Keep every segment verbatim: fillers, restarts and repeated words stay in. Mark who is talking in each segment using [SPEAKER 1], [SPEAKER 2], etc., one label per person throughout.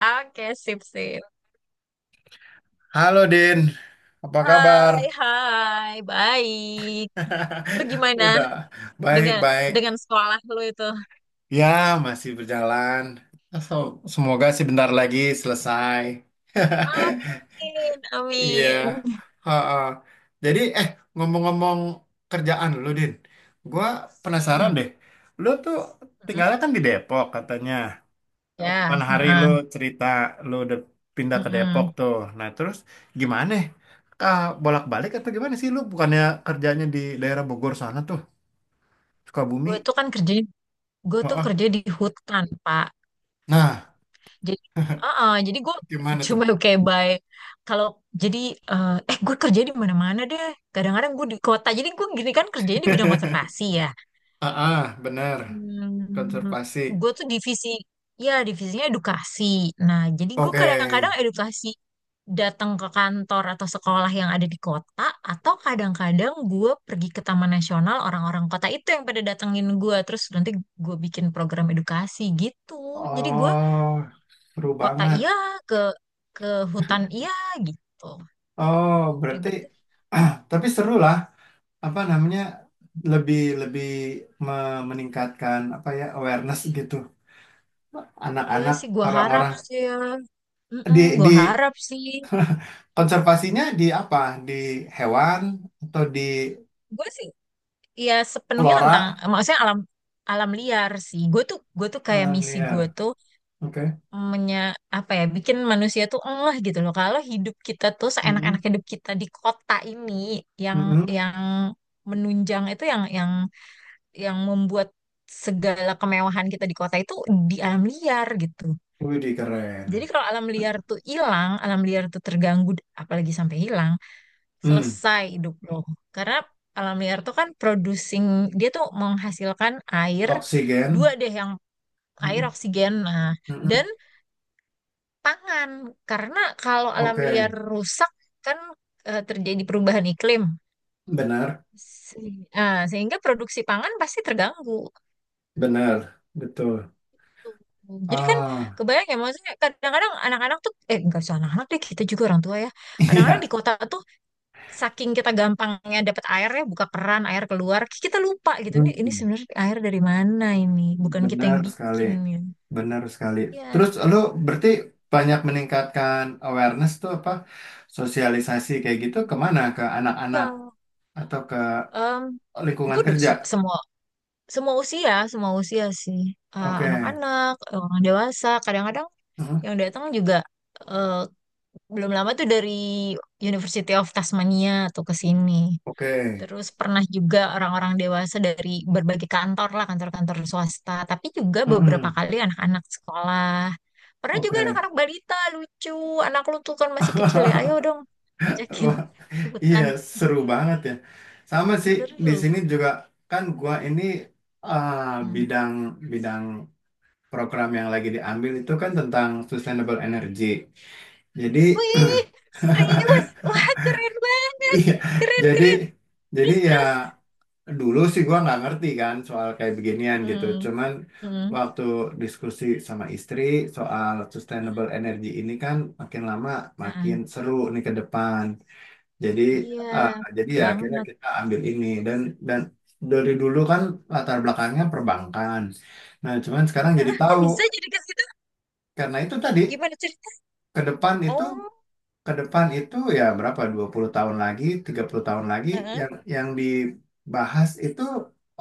[SPEAKER 1] Oke, sip, sip.
[SPEAKER 2] Halo Din, apa kabar?
[SPEAKER 1] Hai, hai, baik. Lu gimana
[SPEAKER 2] Udah,
[SPEAKER 1] dengan dengan
[SPEAKER 2] baik-baik.
[SPEAKER 1] sekolah lu itu?
[SPEAKER 2] Ya, masih berjalan. So- semoga sih bentar lagi selesai.
[SPEAKER 1] Amin,
[SPEAKER 2] Iya.
[SPEAKER 1] amin.
[SPEAKER 2] Ha-ha. Jadi, eh, ngomong-ngomong kerjaan lu, Din. Gua penasaran
[SPEAKER 1] Mm-mm,
[SPEAKER 2] deh. Lu tuh
[SPEAKER 1] mm-mm.
[SPEAKER 2] tinggalnya kan di Depok katanya.
[SPEAKER 1] Ya,
[SPEAKER 2] Kapan hari lu
[SPEAKER 1] heeh,
[SPEAKER 2] cerita lu udah pindah ke Depok
[SPEAKER 1] mm-mm.
[SPEAKER 2] tuh. Nah, terus gimana? Kah bolak-balik atau gimana sih lu bukannya kerjanya di daerah Bogor sana tuh,
[SPEAKER 1] Gue
[SPEAKER 2] Sukabumi?
[SPEAKER 1] tuh kan kerja, gue tuh
[SPEAKER 2] Heeh.
[SPEAKER 1] kerja di hutan, Pak.
[SPEAKER 2] Nah,
[SPEAKER 1] Jadi, heeh, jadi gue
[SPEAKER 2] gimana tuh?
[SPEAKER 1] cuma kayak by. Kalau jadi, eh, eh Gue kerja di mana-mana deh. Kadang-kadang gue di kota. Jadi gue gini kan kerjanya di bidang konservasi ya.
[SPEAKER 2] Ah, ah, bener.
[SPEAKER 1] Hmm,
[SPEAKER 2] Konservasi.
[SPEAKER 1] gue tuh divisi, ya divisinya edukasi. Nah, jadi gue
[SPEAKER 2] Oke.
[SPEAKER 1] kadang-kadang edukasi datang ke kantor atau sekolah yang ada di kota, atau kadang-kadang gue pergi ke Taman Nasional, orang-orang kota itu yang pada datengin gue, terus nanti gue bikin program edukasi gitu. Jadi gue
[SPEAKER 2] Oh, seru
[SPEAKER 1] ke kota
[SPEAKER 2] banget.
[SPEAKER 1] iya, ke ke hutan iya gitu.
[SPEAKER 2] Oh, berarti
[SPEAKER 1] Ribet, ya.
[SPEAKER 2] ah, tapi seru lah. Apa namanya? Lebih lebih me- meningkatkan apa ya awareness gitu
[SPEAKER 1] Iya
[SPEAKER 2] anak-anak,
[SPEAKER 1] sih, gue harap
[SPEAKER 2] orang-orang
[SPEAKER 1] sih ya. Mm-mm,
[SPEAKER 2] di
[SPEAKER 1] gue
[SPEAKER 2] di
[SPEAKER 1] harap sih.
[SPEAKER 2] Konservasinya di apa? Di hewan atau di
[SPEAKER 1] Gue sih Iya sepenuhnya tentang
[SPEAKER 2] flora,
[SPEAKER 1] maksudnya alam alam liar sih. Gue tuh gue tuh kayak
[SPEAKER 2] alam
[SPEAKER 1] misi gue
[SPEAKER 2] liar?
[SPEAKER 1] tuh
[SPEAKER 2] Oke.
[SPEAKER 1] menya apa ya bikin manusia tuh enggak gitu loh. Kalau hidup kita tuh seenak-enak
[SPEAKER 2] Mm-mm.
[SPEAKER 1] hidup kita di kota ini, yang
[SPEAKER 2] Mm-mm.
[SPEAKER 1] yang menunjang itu, yang yang yang membuat segala kemewahan kita di kota itu di alam liar gitu.
[SPEAKER 2] Widih, keren.
[SPEAKER 1] Jadi kalau alam liar tuh hilang, alam liar tuh terganggu, apalagi sampai hilang,
[SPEAKER 2] Hmm.
[SPEAKER 1] selesai hidup lo. Karena alam liar tuh kan producing, dia tuh menghasilkan air, dua
[SPEAKER 2] Oksigen.
[SPEAKER 1] deh yang air
[SPEAKER 2] Mm-mm.
[SPEAKER 1] oksigen, nah, dan
[SPEAKER 2] Mm-mm.
[SPEAKER 1] pangan. Karena kalau alam
[SPEAKER 2] Oke.
[SPEAKER 1] liar rusak kan, eh, terjadi perubahan iklim.
[SPEAKER 2] Benar.
[SPEAKER 1] Se- ah, Sehingga produksi pangan pasti terganggu.
[SPEAKER 2] Benar. Betul.
[SPEAKER 1] Tuh. Jadi kan
[SPEAKER 2] Ah,
[SPEAKER 1] kebayang ya, maksudnya kadang-kadang anak-anak tuh, eh nggak usah anak-anak deh, kita juga orang tua ya. Kadang-kadang di
[SPEAKER 2] iya.
[SPEAKER 1] kota tuh saking kita gampangnya dapat air, ya buka keran air keluar, kita lupa gitu, ini ini
[SPEAKER 2] Hmm.
[SPEAKER 1] sebenarnya air dari mana, ini bukan kita
[SPEAKER 2] Benar
[SPEAKER 1] yang
[SPEAKER 2] sekali.
[SPEAKER 1] bikin ya.
[SPEAKER 2] Benar sekali.
[SPEAKER 1] Iya,
[SPEAKER 2] Terus lu berarti banyak meningkatkan awareness tuh apa? Sosialisasi kayak gitu kemana? Ke anak-anak
[SPEAKER 1] ya.
[SPEAKER 2] atau ke
[SPEAKER 1] em
[SPEAKER 2] lingkungan
[SPEAKER 1] gue udah
[SPEAKER 2] kerja?
[SPEAKER 1] se- semua semua usia, semua usia sih. Eh,
[SPEAKER 2] Oke.
[SPEAKER 1] anak-anak, orang dewasa kadang-kadang
[SPEAKER 2] Heeh.
[SPEAKER 1] yang datang juga, eh, belum lama tuh dari University of Tasmania tuh ke sini.
[SPEAKER 2] Oke.
[SPEAKER 1] Terus pernah juga orang-orang dewasa dari berbagai kantor lah, kantor-kantor swasta, tapi juga beberapa
[SPEAKER 2] Heeh.
[SPEAKER 1] kali anak-anak sekolah. Pernah juga
[SPEAKER 2] Oke.
[SPEAKER 1] anak-anak balita, lucu. Anak lu tuh kan masih kecil ya, ayo dong ajakin
[SPEAKER 2] Wah,
[SPEAKER 1] ke
[SPEAKER 2] iya,
[SPEAKER 1] hutan.
[SPEAKER 2] seru banget ya. Sama sih di sini
[SPEAKER 1] Seru.
[SPEAKER 2] juga kan gua ini ah,
[SPEAKER 1] Hmm.
[SPEAKER 2] bidang bidang program yang lagi diambil itu kan tentang sustainable energy. Jadi
[SPEAKER 1] Wih, serius? Wah, keren banget.
[SPEAKER 2] iya,
[SPEAKER 1] Keren,
[SPEAKER 2] jadi
[SPEAKER 1] keren.
[SPEAKER 2] jadi
[SPEAKER 1] Terus,
[SPEAKER 2] ya
[SPEAKER 1] terus.
[SPEAKER 2] dulu sih gua nggak ngerti kan soal kayak beginian gitu.
[SPEAKER 1] Hmm,
[SPEAKER 2] Cuman
[SPEAKER 1] hmm.
[SPEAKER 2] waktu diskusi sama istri soal sustainable energy ini kan makin lama
[SPEAKER 1] Nah,
[SPEAKER 2] makin seru nih ke depan. Jadi
[SPEAKER 1] iya,
[SPEAKER 2] eh, jadi ya akhirnya
[SPEAKER 1] banget.
[SPEAKER 2] kita ambil ini dan dan dari dulu kan latar belakangnya perbankan. Nah, cuman sekarang jadi
[SPEAKER 1] Aku
[SPEAKER 2] tahu
[SPEAKER 1] bisa jadi ke situ?
[SPEAKER 2] karena itu tadi
[SPEAKER 1] Gimana cerita?
[SPEAKER 2] ke depan itu
[SPEAKER 1] Oh,
[SPEAKER 2] ke depan itu ya berapa dua puluh tahun lagi, tiga puluh tahun lagi
[SPEAKER 1] eh,
[SPEAKER 2] yang yang dibahas itu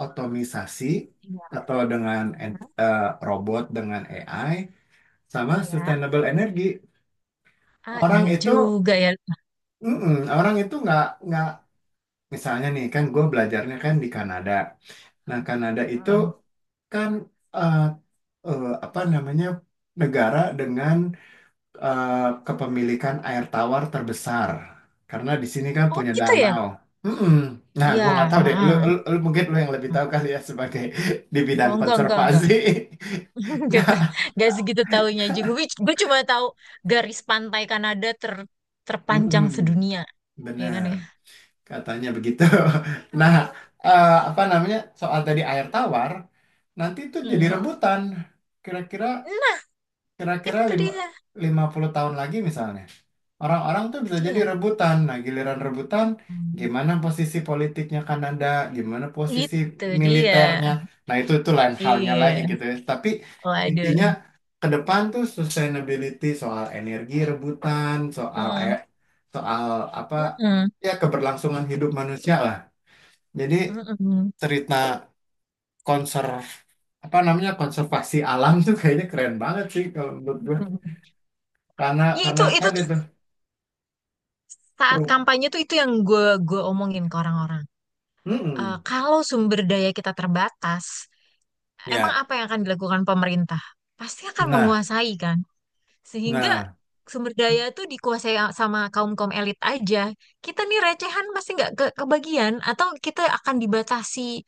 [SPEAKER 2] otomisasi
[SPEAKER 1] iya,
[SPEAKER 2] atau dengan ent- eh, robot dengan A I sama
[SPEAKER 1] ya.
[SPEAKER 2] sustainable energy.
[SPEAKER 1] Ah,
[SPEAKER 2] Orang
[SPEAKER 1] iya
[SPEAKER 2] itu
[SPEAKER 1] juga ya.
[SPEAKER 2] mm-mm, orang itu nggak nggak misalnya nih kan gue belajarnya kan di Kanada. Nah, Kanada itu
[SPEAKER 1] Heeh.
[SPEAKER 2] kan eh, eh, apa namanya negara dengan eh, kepemilikan air tawar terbesar karena di sini kan
[SPEAKER 1] Oh,
[SPEAKER 2] punya
[SPEAKER 1] gitu ya?
[SPEAKER 2] danau. Mm-mm. Nah,
[SPEAKER 1] Iya,
[SPEAKER 2] gua nggak tahu deh. Lu,
[SPEAKER 1] heeh.
[SPEAKER 2] lu, lu mungkin lu yang lebih tahu kali ya sebagai di
[SPEAKER 1] Gua
[SPEAKER 2] bidang
[SPEAKER 1] enggak, enggak, enggak.
[SPEAKER 2] konservasi.
[SPEAKER 1] Enggak, ta-
[SPEAKER 2] Nah,
[SPEAKER 1] enggak segitu taunya juga. Gue cuma tahu garis pantai Kanada ter, terpanjang
[SPEAKER 2] mm-mm.
[SPEAKER 1] sedunia, ya kan
[SPEAKER 2] Benar
[SPEAKER 1] ya?
[SPEAKER 2] katanya begitu. Nah, eh, apa namanya soal tadi air tawar nanti itu jadi
[SPEAKER 1] Mm-mm.
[SPEAKER 2] rebutan. Kira-kira
[SPEAKER 1] Nah,
[SPEAKER 2] Kira-kira
[SPEAKER 1] itu
[SPEAKER 2] lima,
[SPEAKER 1] dia.
[SPEAKER 2] lima puluh tahun lagi misalnya, orang-orang tuh
[SPEAKER 1] Itu
[SPEAKER 2] bisa jadi
[SPEAKER 1] dia.
[SPEAKER 2] rebutan. Nah, giliran rebutan,
[SPEAKER 1] Hmm.
[SPEAKER 2] gimana posisi politiknya Kanada, gimana posisi
[SPEAKER 1] Itu dia.
[SPEAKER 2] militernya. Nah, itu itu lain halnya lagi
[SPEAKER 1] Iya.
[SPEAKER 2] gitu ya. Tapi intinya
[SPEAKER 1] Waduh.
[SPEAKER 2] ke depan tuh sustainability soal energi rebutan, soal air,
[SPEAKER 1] Mm-mm.
[SPEAKER 2] soal apa
[SPEAKER 1] Mm-mm.
[SPEAKER 2] ya keberlangsungan hidup manusia lah. Jadi
[SPEAKER 1] Mm-mm.
[SPEAKER 2] cerita konser apa namanya konservasi alam tuh kayaknya keren banget sih kalau menurut gue. Karena
[SPEAKER 1] Ya,
[SPEAKER 2] karena
[SPEAKER 1] itu itu
[SPEAKER 2] tadi
[SPEAKER 1] tuh
[SPEAKER 2] tuh
[SPEAKER 1] saat
[SPEAKER 2] pro.
[SPEAKER 1] kampanye tuh, itu yang gue gue omongin ke orang-orang.
[SPEAKER 2] Mm-mm.
[SPEAKER 1] Eh, kalau sumber daya kita terbatas, emang
[SPEAKER 2] Ya.
[SPEAKER 1] apa yang akan dilakukan pemerintah? Pasti akan
[SPEAKER 2] Nah,
[SPEAKER 1] menguasai kan? Sehingga
[SPEAKER 2] nah,
[SPEAKER 1] sumber daya itu dikuasai a- sama kaum-kaum elit aja. Kita nih recehan pasti nggak ke kebagian, atau kita akan dibatasi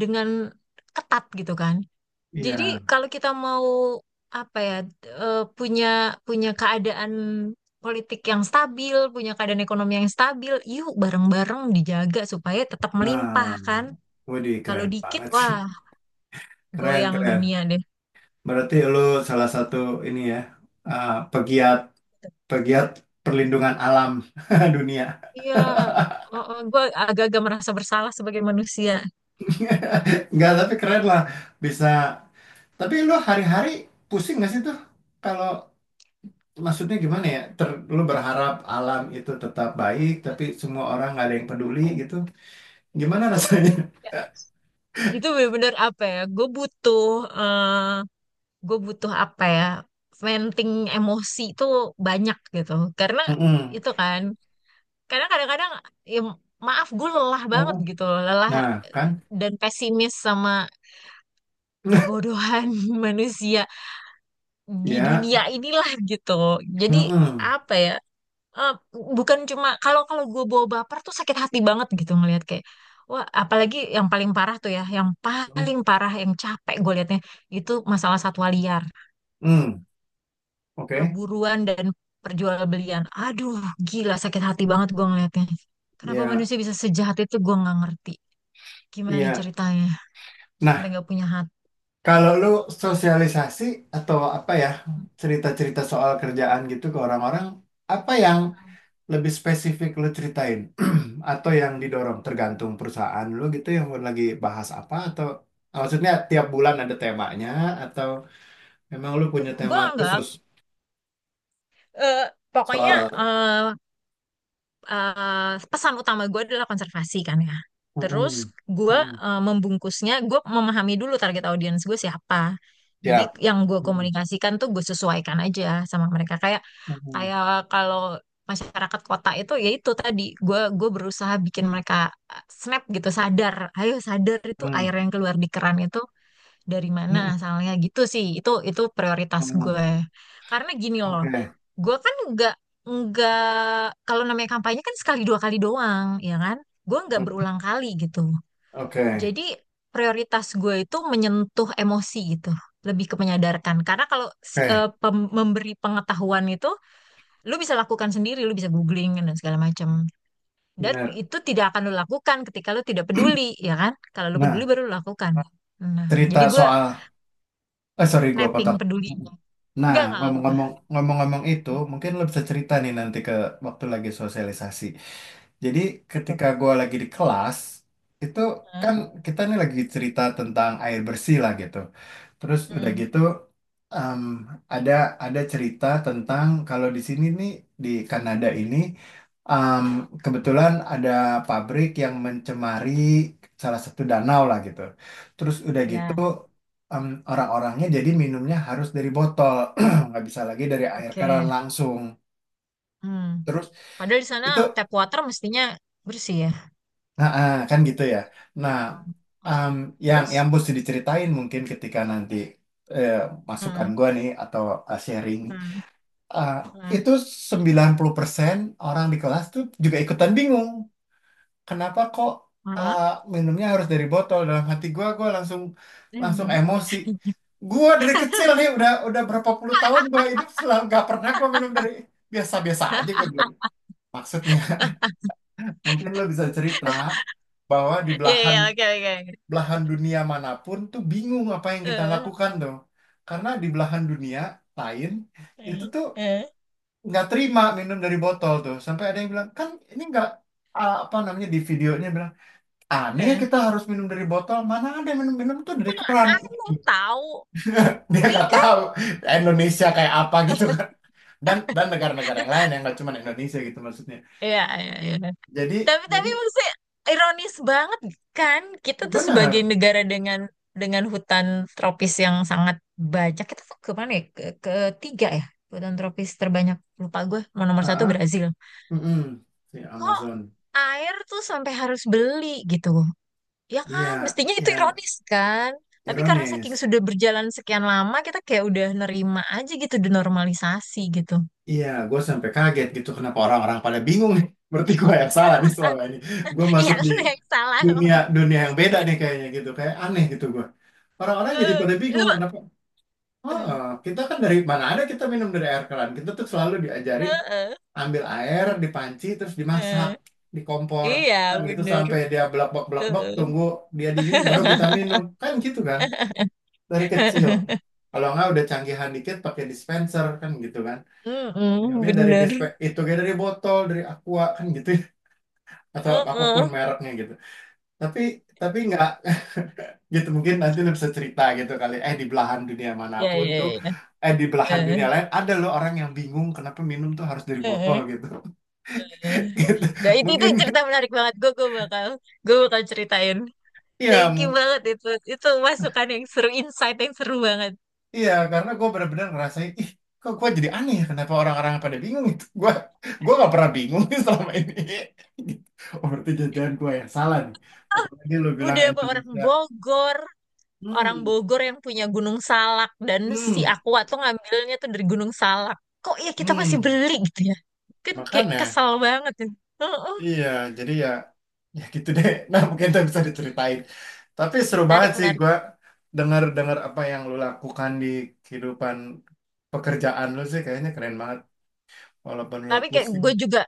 [SPEAKER 1] dengan ketat gitu kan. Jadi
[SPEAKER 2] iya.
[SPEAKER 1] kalau kita mau apa ya, eh, punya punya keadaan politik yang stabil, punya keadaan ekonomi yang stabil, yuk bareng-bareng dijaga supaya tetap melimpah kan.
[SPEAKER 2] Nah, waduh
[SPEAKER 1] Kalau
[SPEAKER 2] keren
[SPEAKER 1] dikit,
[SPEAKER 2] banget sih.
[SPEAKER 1] wah,
[SPEAKER 2] Keren,
[SPEAKER 1] goyang
[SPEAKER 2] keren.
[SPEAKER 1] dunia deh.
[SPEAKER 2] Berarti lu salah satu ini ya, uh, pegiat pegiat perlindungan alam dunia.
[SPEAKER 1] Iya, oh, oh, gue agak-agak merasa bersalah sebagai manusia.
[SPEAKER 2] Enggak, tapi keren lah bisa. Tapi lu hari-hari pusing nggak sih tuh? Kalau maksudnya gimana ya? Ter, lu berharap alam itu tetap baik, tapi semua orang nggak ada yang peduli gitu. Gimana rasanya?
[SPEAKER 1] Ya, itu bener-bener apa ya? Gue butuh, gue butuh apa ya? Venting emosi itu banyak gitu. Karena
[SPEAKER 2] Mm-mm.
[SPEAKER 1] itu kan, karena kadang-kadang, ya, maaf gue lelah banget
[SPEAKER 2] Mm-mm.
[SPEAKER 1] gitu loh, lelah
[SPEAKER 2] Nah, kan?
[SPEAKER 1] dan pesimis sama kebodohan manusia di
[SPEAKER 2] Ya.
[SPEAKER 1] dunia inilah gitu. Jadi
[SPEAKER 2] Mm-mm.
[SPEAKER 1] apa ya? eh, Bukan cuma, kalau kalau gue bawa baper tuh sakit hati banget gitu ngelihat, kayak wah, apalagi yang paling parah tuh ya, yang paling parah yang capek gue liatnya itu masalah satwa liar,
[SPEAKER 2] Mm-mm. Oke.
[SPEAKER 1] perburuan dan perjualbelian, aduh, gila, sakit hati banget gue ngeliatnya, kenapa
[SPEAKER 2] Ya,
[SPEAKER 1] manusia bisa sejahat itu, gue nggak ngerti gimana
[SPEAKER 2] iya.
[SPEAKER 1] ceritanya sampai
[SPEAKER 2] Nah,
[SPEAKER 1] nggak punya hati.
[SPEAKER 2] kalau lu sosialisasi atau apa ya, cerita-cerita soal kerjaan gitu ke orang-orang, apa yang lebih spesifik lu ceritain? Atau yang didorong tergantung perusahaan lu gitu yang lagi bahas apa atau maksudnya tiap bulan ada temanya atau memang lu punya tema
[SPEAKER 1] Gue nggak
[SPEAKER 2] khusus
[SPEAKER 1] eh, Pokoknya,
[SPEAKER 2] soal
[SPEAKER 1] eh, eh, pesan utama gue adalah konservasi kan ya. Terus
[SPEAKER 2] mm-mm.
[SPEAKER 1] gue,
[SPEAKER 2] Mm-mm.
[SPEAKER 1] eh, membungkusnya, gue memahami dulu target audiens gue siapa. Jadi
[SPEAKER 2] Siap.
[SPEAKER 1] yang gue
[SPEAKER 2] Mm-mm.
[SPEAKER 1] komunikasikan tuh gue sesuaikan aja sama mereka. Kayak
[SPEAKER 2] Mm-mm.
[SPEAKER 1] kayak kalau masyarakat kota itu, ya itu tadi, gue gue berusaha bikin mereka, eh, snap gitu, sadar. Ayo sadar, itu air
[SPEAKER 2] Mm-mm.
[SPEAKER 1] yang keluar di keran itu dari mana
[SPEAKER 2] Mm,
[SPEAKER 1] asalnya, gitu sih, itu itu prioritas
[SPEAKER 2] mm-mm.
[SPEAKER 1] gue. Karena gini loh,
[SPEAKER 2] Oke,
[SPEAKER 1] gue kan nggak nggak kalau namanya kampanye kan sekali dua kali doang ya kan, gue nggak berulang kali gitu.
[SPEAKER 2] oke,
[SPEAKER 1] Jadi prioritas gue itu menyentuh emosi gitu, lebih ke menyadarkan, karena kalau si-
[SPEAKER 2] oke,
[SPEAKER 1] eh, pem- memberi pengetahuan itu, lu bisa lakukan sendiri, lu bisa googling dan segala macam, dan
[SPEAKER 2] benar.
[SPEAKER 1] itu tidak akan lu lakukan ketika lu tidak peduli. Ya kan? Kalau lu peduli
[SPEAKER 2] Nah,
[SPEAKER 1] baru lu lakukan. Nah, jadi
[SPEAKER 2] cerita
[SPEAKER 1] gue
[SPEAKER 2] soal, eh sorry gua
[SPEAKER 1] napping
[SPEAKER 2] potong.
[SPEAKER 1] peduli. Enggak,
[SPEAKER 2] Nah,
[SPEAKER 1] enggak, enggak
[SPEAKER 2] ngomong-ngomong,
[SPEAKER 1] apa-apa.
[SPEAKER 2] ngomong-ngomong itu, mungkin lo bisa cerita nih nanti ke waktu lagi sosialisasi. Jadi
[SPEAKER 1] Apa tuh?
[SPEAKER 2] ketika gua lagi di kelas, itu
[SPEAKER 1] Hah?
[SPEAKER 2] kan kita nih lagi cerita tentang air bersih lah gitu. Terus udah
[SPEAKER 1] Mm,
[SPEAKER 2] gitu em, ada ada cerita tentang kalau di sini nih di Kanada ini em, kebetulan ada pabrik yang mencemari salah satu danau lah gitu. Terus udah gitu
[SPEAKER 1] ya,
[SPEAKER 2] em, orang-orangnya jadi minumnya harus dari botol, nggak bisa lagi dari air keran
[SPEAKER 1] oke.
[SPEAKER 2] langsung.
[SPEAKER 1] Hmm.
[SPEAKER 2] Terus
[SPEAKER 1] Padahal di sana
[SPEAKER 2] itu
[SPEAKER 1] tap water mestinya bersih ya.
[SPEAKER 2] nah, ah, kan gitu ya. Nah,
[SPEAKER 1] Hmm, oke.
[SPEAKER 2] em, yang yang
[SPEAKER 1] Terus?
[SPEAKER 2] mesti diceritain mungkin ketika nanti eh, masukan
[SPEAKER 1] Hmm,
[SPEAKER 2] gua nih atau eh, sharing.
[SPEAKER 1] hmm,
[SPEAKER 2] Eh,
[SPEAKER 1] hmm,
[SPEAKER 2] itu sembilan puluh persen orang di kelas tuh juga ikutan bingung. Kenapa kok
[SPEAKER 1] hmm.
[SPEAKER 2] eh, minumnya harus dari botol? Dalam hati gue gue langsung langsung emosi. Gue dari kecil nih udah udah berapa puluh tahun gue hidup selalu nggak pernah gue minum dari biasa-biasa aja gue bilang. Maksudnya mungkin lo bisa cerita bahwa di
[SPEAKER 1] Iya,
[SPEAKER 2] belahan
[SPEAKER 1] iya, oke, oke, oke.
[SPEAKER 2] belahan dunia manapun tuh bingung apa yang kita
[SPEAKER 1] Eh,
[SPEAKER 2] lakukan tuh. Karena di belahan dunia lain
[SPEAKER 1] eh,
[SPEAKER 2] itu tuh
[SPEAKER 1] eh,
[SPEAKER 2] nggak terima minum dari botol tuh sampai ada yang bilang kan ini nggak ah, apa namanya di videonya bilang aneh ya
[SPEAKER 1] eh.
[SPEAKER 2] kita harus minum dari botol mana ada yang minum-minum tuh dari
[SPEAKER 1] Mana
[SPEAKER 2] keran.
[SPEAKER 1] aku tahu.
[SPEAKER 2] Dia nggak
[SPEAKER 1] Iya,
[SPEAKER 2] tahu Indonesia kayak apa gitu kan dan dan negara-negara yang lain yang nggak cuma Indonesia gitu maksudnya
[SPEAKER 1] iya, iya, iya.
[SPEAKER 2] jadi
[SPEAKER 1] Tapi
[SPEAKER 2] jadi
[SPEAKER 1] tapi maksudnya ironis banget kan, kita tuh sebagai
[SPEAKER 2] benar
[SPEAKER 1] negara dengan dengan hutan tropis yang sangat banyak, kita tuh kemana ya, ke ketiga ya, hutan tropis terbanyak, lupa gue, mau nomor
[SPEAKER 2] ah,
[SPEAKER 1] satu
[SPEAKER 2] ah,
[SPEAKER 1] Brazil.
[SPEAKER 2] mm-mm. Si
[SPEAKER 1] Kok
[SPEAKER 2] Amazon
[SPEAKER 1] air tuh sampai harus beli gitu, ya
[SPEAKER 2] iya
[SPEAKER 1] kan, mestinya itu
[SPEAKER 2] ya
[SPEAKER 1] ironis kan, tapi karena
[SPEAKER 2] ironis.
[SPEAKER 1] saking sudah berjalan sekian lama, kita kayak udah nerima aja gitu, denormalisasi gitu.
[SPEAKER 2] Iya, gue sampai kaget gitu kenapa orang-orang pada bingung nih. Berarti gue yang salah nih selama ini. Gue
[SPEAKER 1] Ya
[SPEAKER 2] masuk di
[SPEAKER 1] lu yang salah.
[SPEAKER 2] dunia dunia yang beda nih kayaknya gitu. Kayak aneh gitu gue. Orang-orang jadi
[SPEAKER 1] Eh,
[SPEAKER 2] pada
[SPEAKER 1] lu
[SPEAKER 2] bingung kenapa.
[SPEAKER 1] eh,
[SPEAKER 2] Oh, kita kan dari mana ada kita minum dari air keran. Kita tuh selalu diajarin
[SPEAKER 1] eh,
[SPEAKER 2] ambil air di panci terus dimasak
[SPEAKER 1] eh.
[SPEAKER 2] di kompor
[SPEAKER 1] Iya,
[SPEAKER 2] kan gitu
[SPEAKER 1] bener.
[SPEAKER 2] sampai dia blak-blak-blak-blak
[SPEAKER 1] Heeh.
[SPEAKER 2] tunggu dia dingin baru kita minum kan gitu kan dari kecil. Kalau nggak udah canggihan dikit pakai dispenser kan gitu kan
[SPEAKER 1] Mm-mm,
[SPEAKER 2] minumnya dari dispe
[SPEAKER 1] bener.
[SPEAKER 2] itu kayak dari botol dari aqua kan gitu ya. Atau apapun
[SPEAKER 1] Heeh.
[SPEAKER 2] mereknya gitu tapi tapi nggak gitu mungkin nanti lu bisa cerita gitu kali eh di belahan dunia
[SPEAKER 1] Ya,
[SPEAKER 2] manapun
[SPEAKER 1] ya,
[SPEAKER 2] tuh
[SPEAKER 1] ya.
[SPEAKER 2] eh di belahan dunia
[SPEAKER 1] Eh,
[SPEAKER 2] lain ada loh orang yang bingung kenapa minum tuh harus dari botol
[SPEAKER 1] eh, eh,
[SPEAKER 2] gitu.
[SPEAKER 1] eh.
[SPEAKER 2] Gitu
[SPEAKER 1] Nah, itu itu
[SPEAKER 2] mungkin
[SPEAKER 1] cerita menarik banget. Gue gue bakal gue bakal ceritain.
[SPEAKER 2] iya
[SPEAKER 1] Thank you
[SPEAKER 2] mu-
[SPEAKER 1] banget itu. Itu masukan yang seru, insight yang seru banget.
[SPEAKER 2] iya karena gue benar-benar ngerasain ih kok gue jadi aneh ya kenapa orang-orang pada bingung gitu gue gue nggak pernah bingung selama ini gitu. Oh berarti jajan gue yang salah nih apalagi lu bilang
[SPEAKER 1] Udah apa orang
[SPEAKER 2] Indonesia.
[SPEAKER 1] Bogor, Orang
[SPEAKER 2] Hmm.
[SPEAKER 1] Bogor yang punya Gunung Salak, dan si
[SPEAKER 2] Hmm,
[SPEAKER 1] Aqua tuh ngambilnya tuh dari Gunung Salak. Kok ya kita masih
[SPEAKER 2] hmm,
[SPEAKER 1] beli gitu ya? Kan kayak
[SPEAKER 2] makanya,
[SPEAKER 1] kesel banget, ya. Heeh.
[SPEAKER 2] iya, jadi ya, ya gitu deh. Nah, mungkin itu bisa diceritain. Tapi seru banget
[SPEAKER 1] Menarik,
[SPEAKER 2] sih
[SPEAKER 1] menarik.
[SPEAKER 2] gua dengar-dengar apa yang lu lakukan di kehidupan pekerjaan lu sih, kayaknya keren banget. Walaupun lu
[SPEAKER 1] Tapi kayak
[SPEAKER 2] pusing.
[SPEAKER 1] gue juga,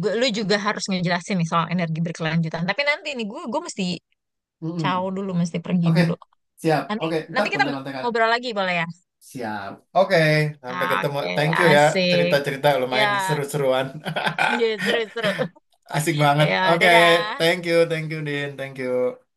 [SPEAKER 1] gue, lu juga harus ngejelasin nih soal energi berkelanjutan. Tapi nanti nih gue, gue mesti caw
[SPEAKER 2] Mm-mm.
[SPEAKER 1] dulu, mesti pergi
[SPEAKER 2] Oke,
[SPEAKER 1] dulu.
[SPEAKER 2] siap.
[SPEAKER 1] Nanti,
[SPEAKER 2] Oke, ntar
[SPEAKER 1] nanti kita
[SPEAKER 2] konten-kontenan.
[SPEAKER 1] ngobrol lagi boleh ya?
[SPEAKER 2] Siap. Oke, sampai ketemu.
[SPEAKER 1] Oke,
[SPEAKER 2] Thank you ya,
[SPEAKER 1] asik.
[SPEAKER 2] cerita-cerita lumayan
[SPEAKER 1] Ya,
[SPEAKER 2] seru-seruan.
[SPEAKER 1] seru, seru.
[SPEAKER 2] Asik banget.
[SPEAKER 1] Ya,
[SPEAKER 2] Oke,
[SPEAKER 1] dadah.
[SPEAKER 2] thank you, thank you, Din, thank you.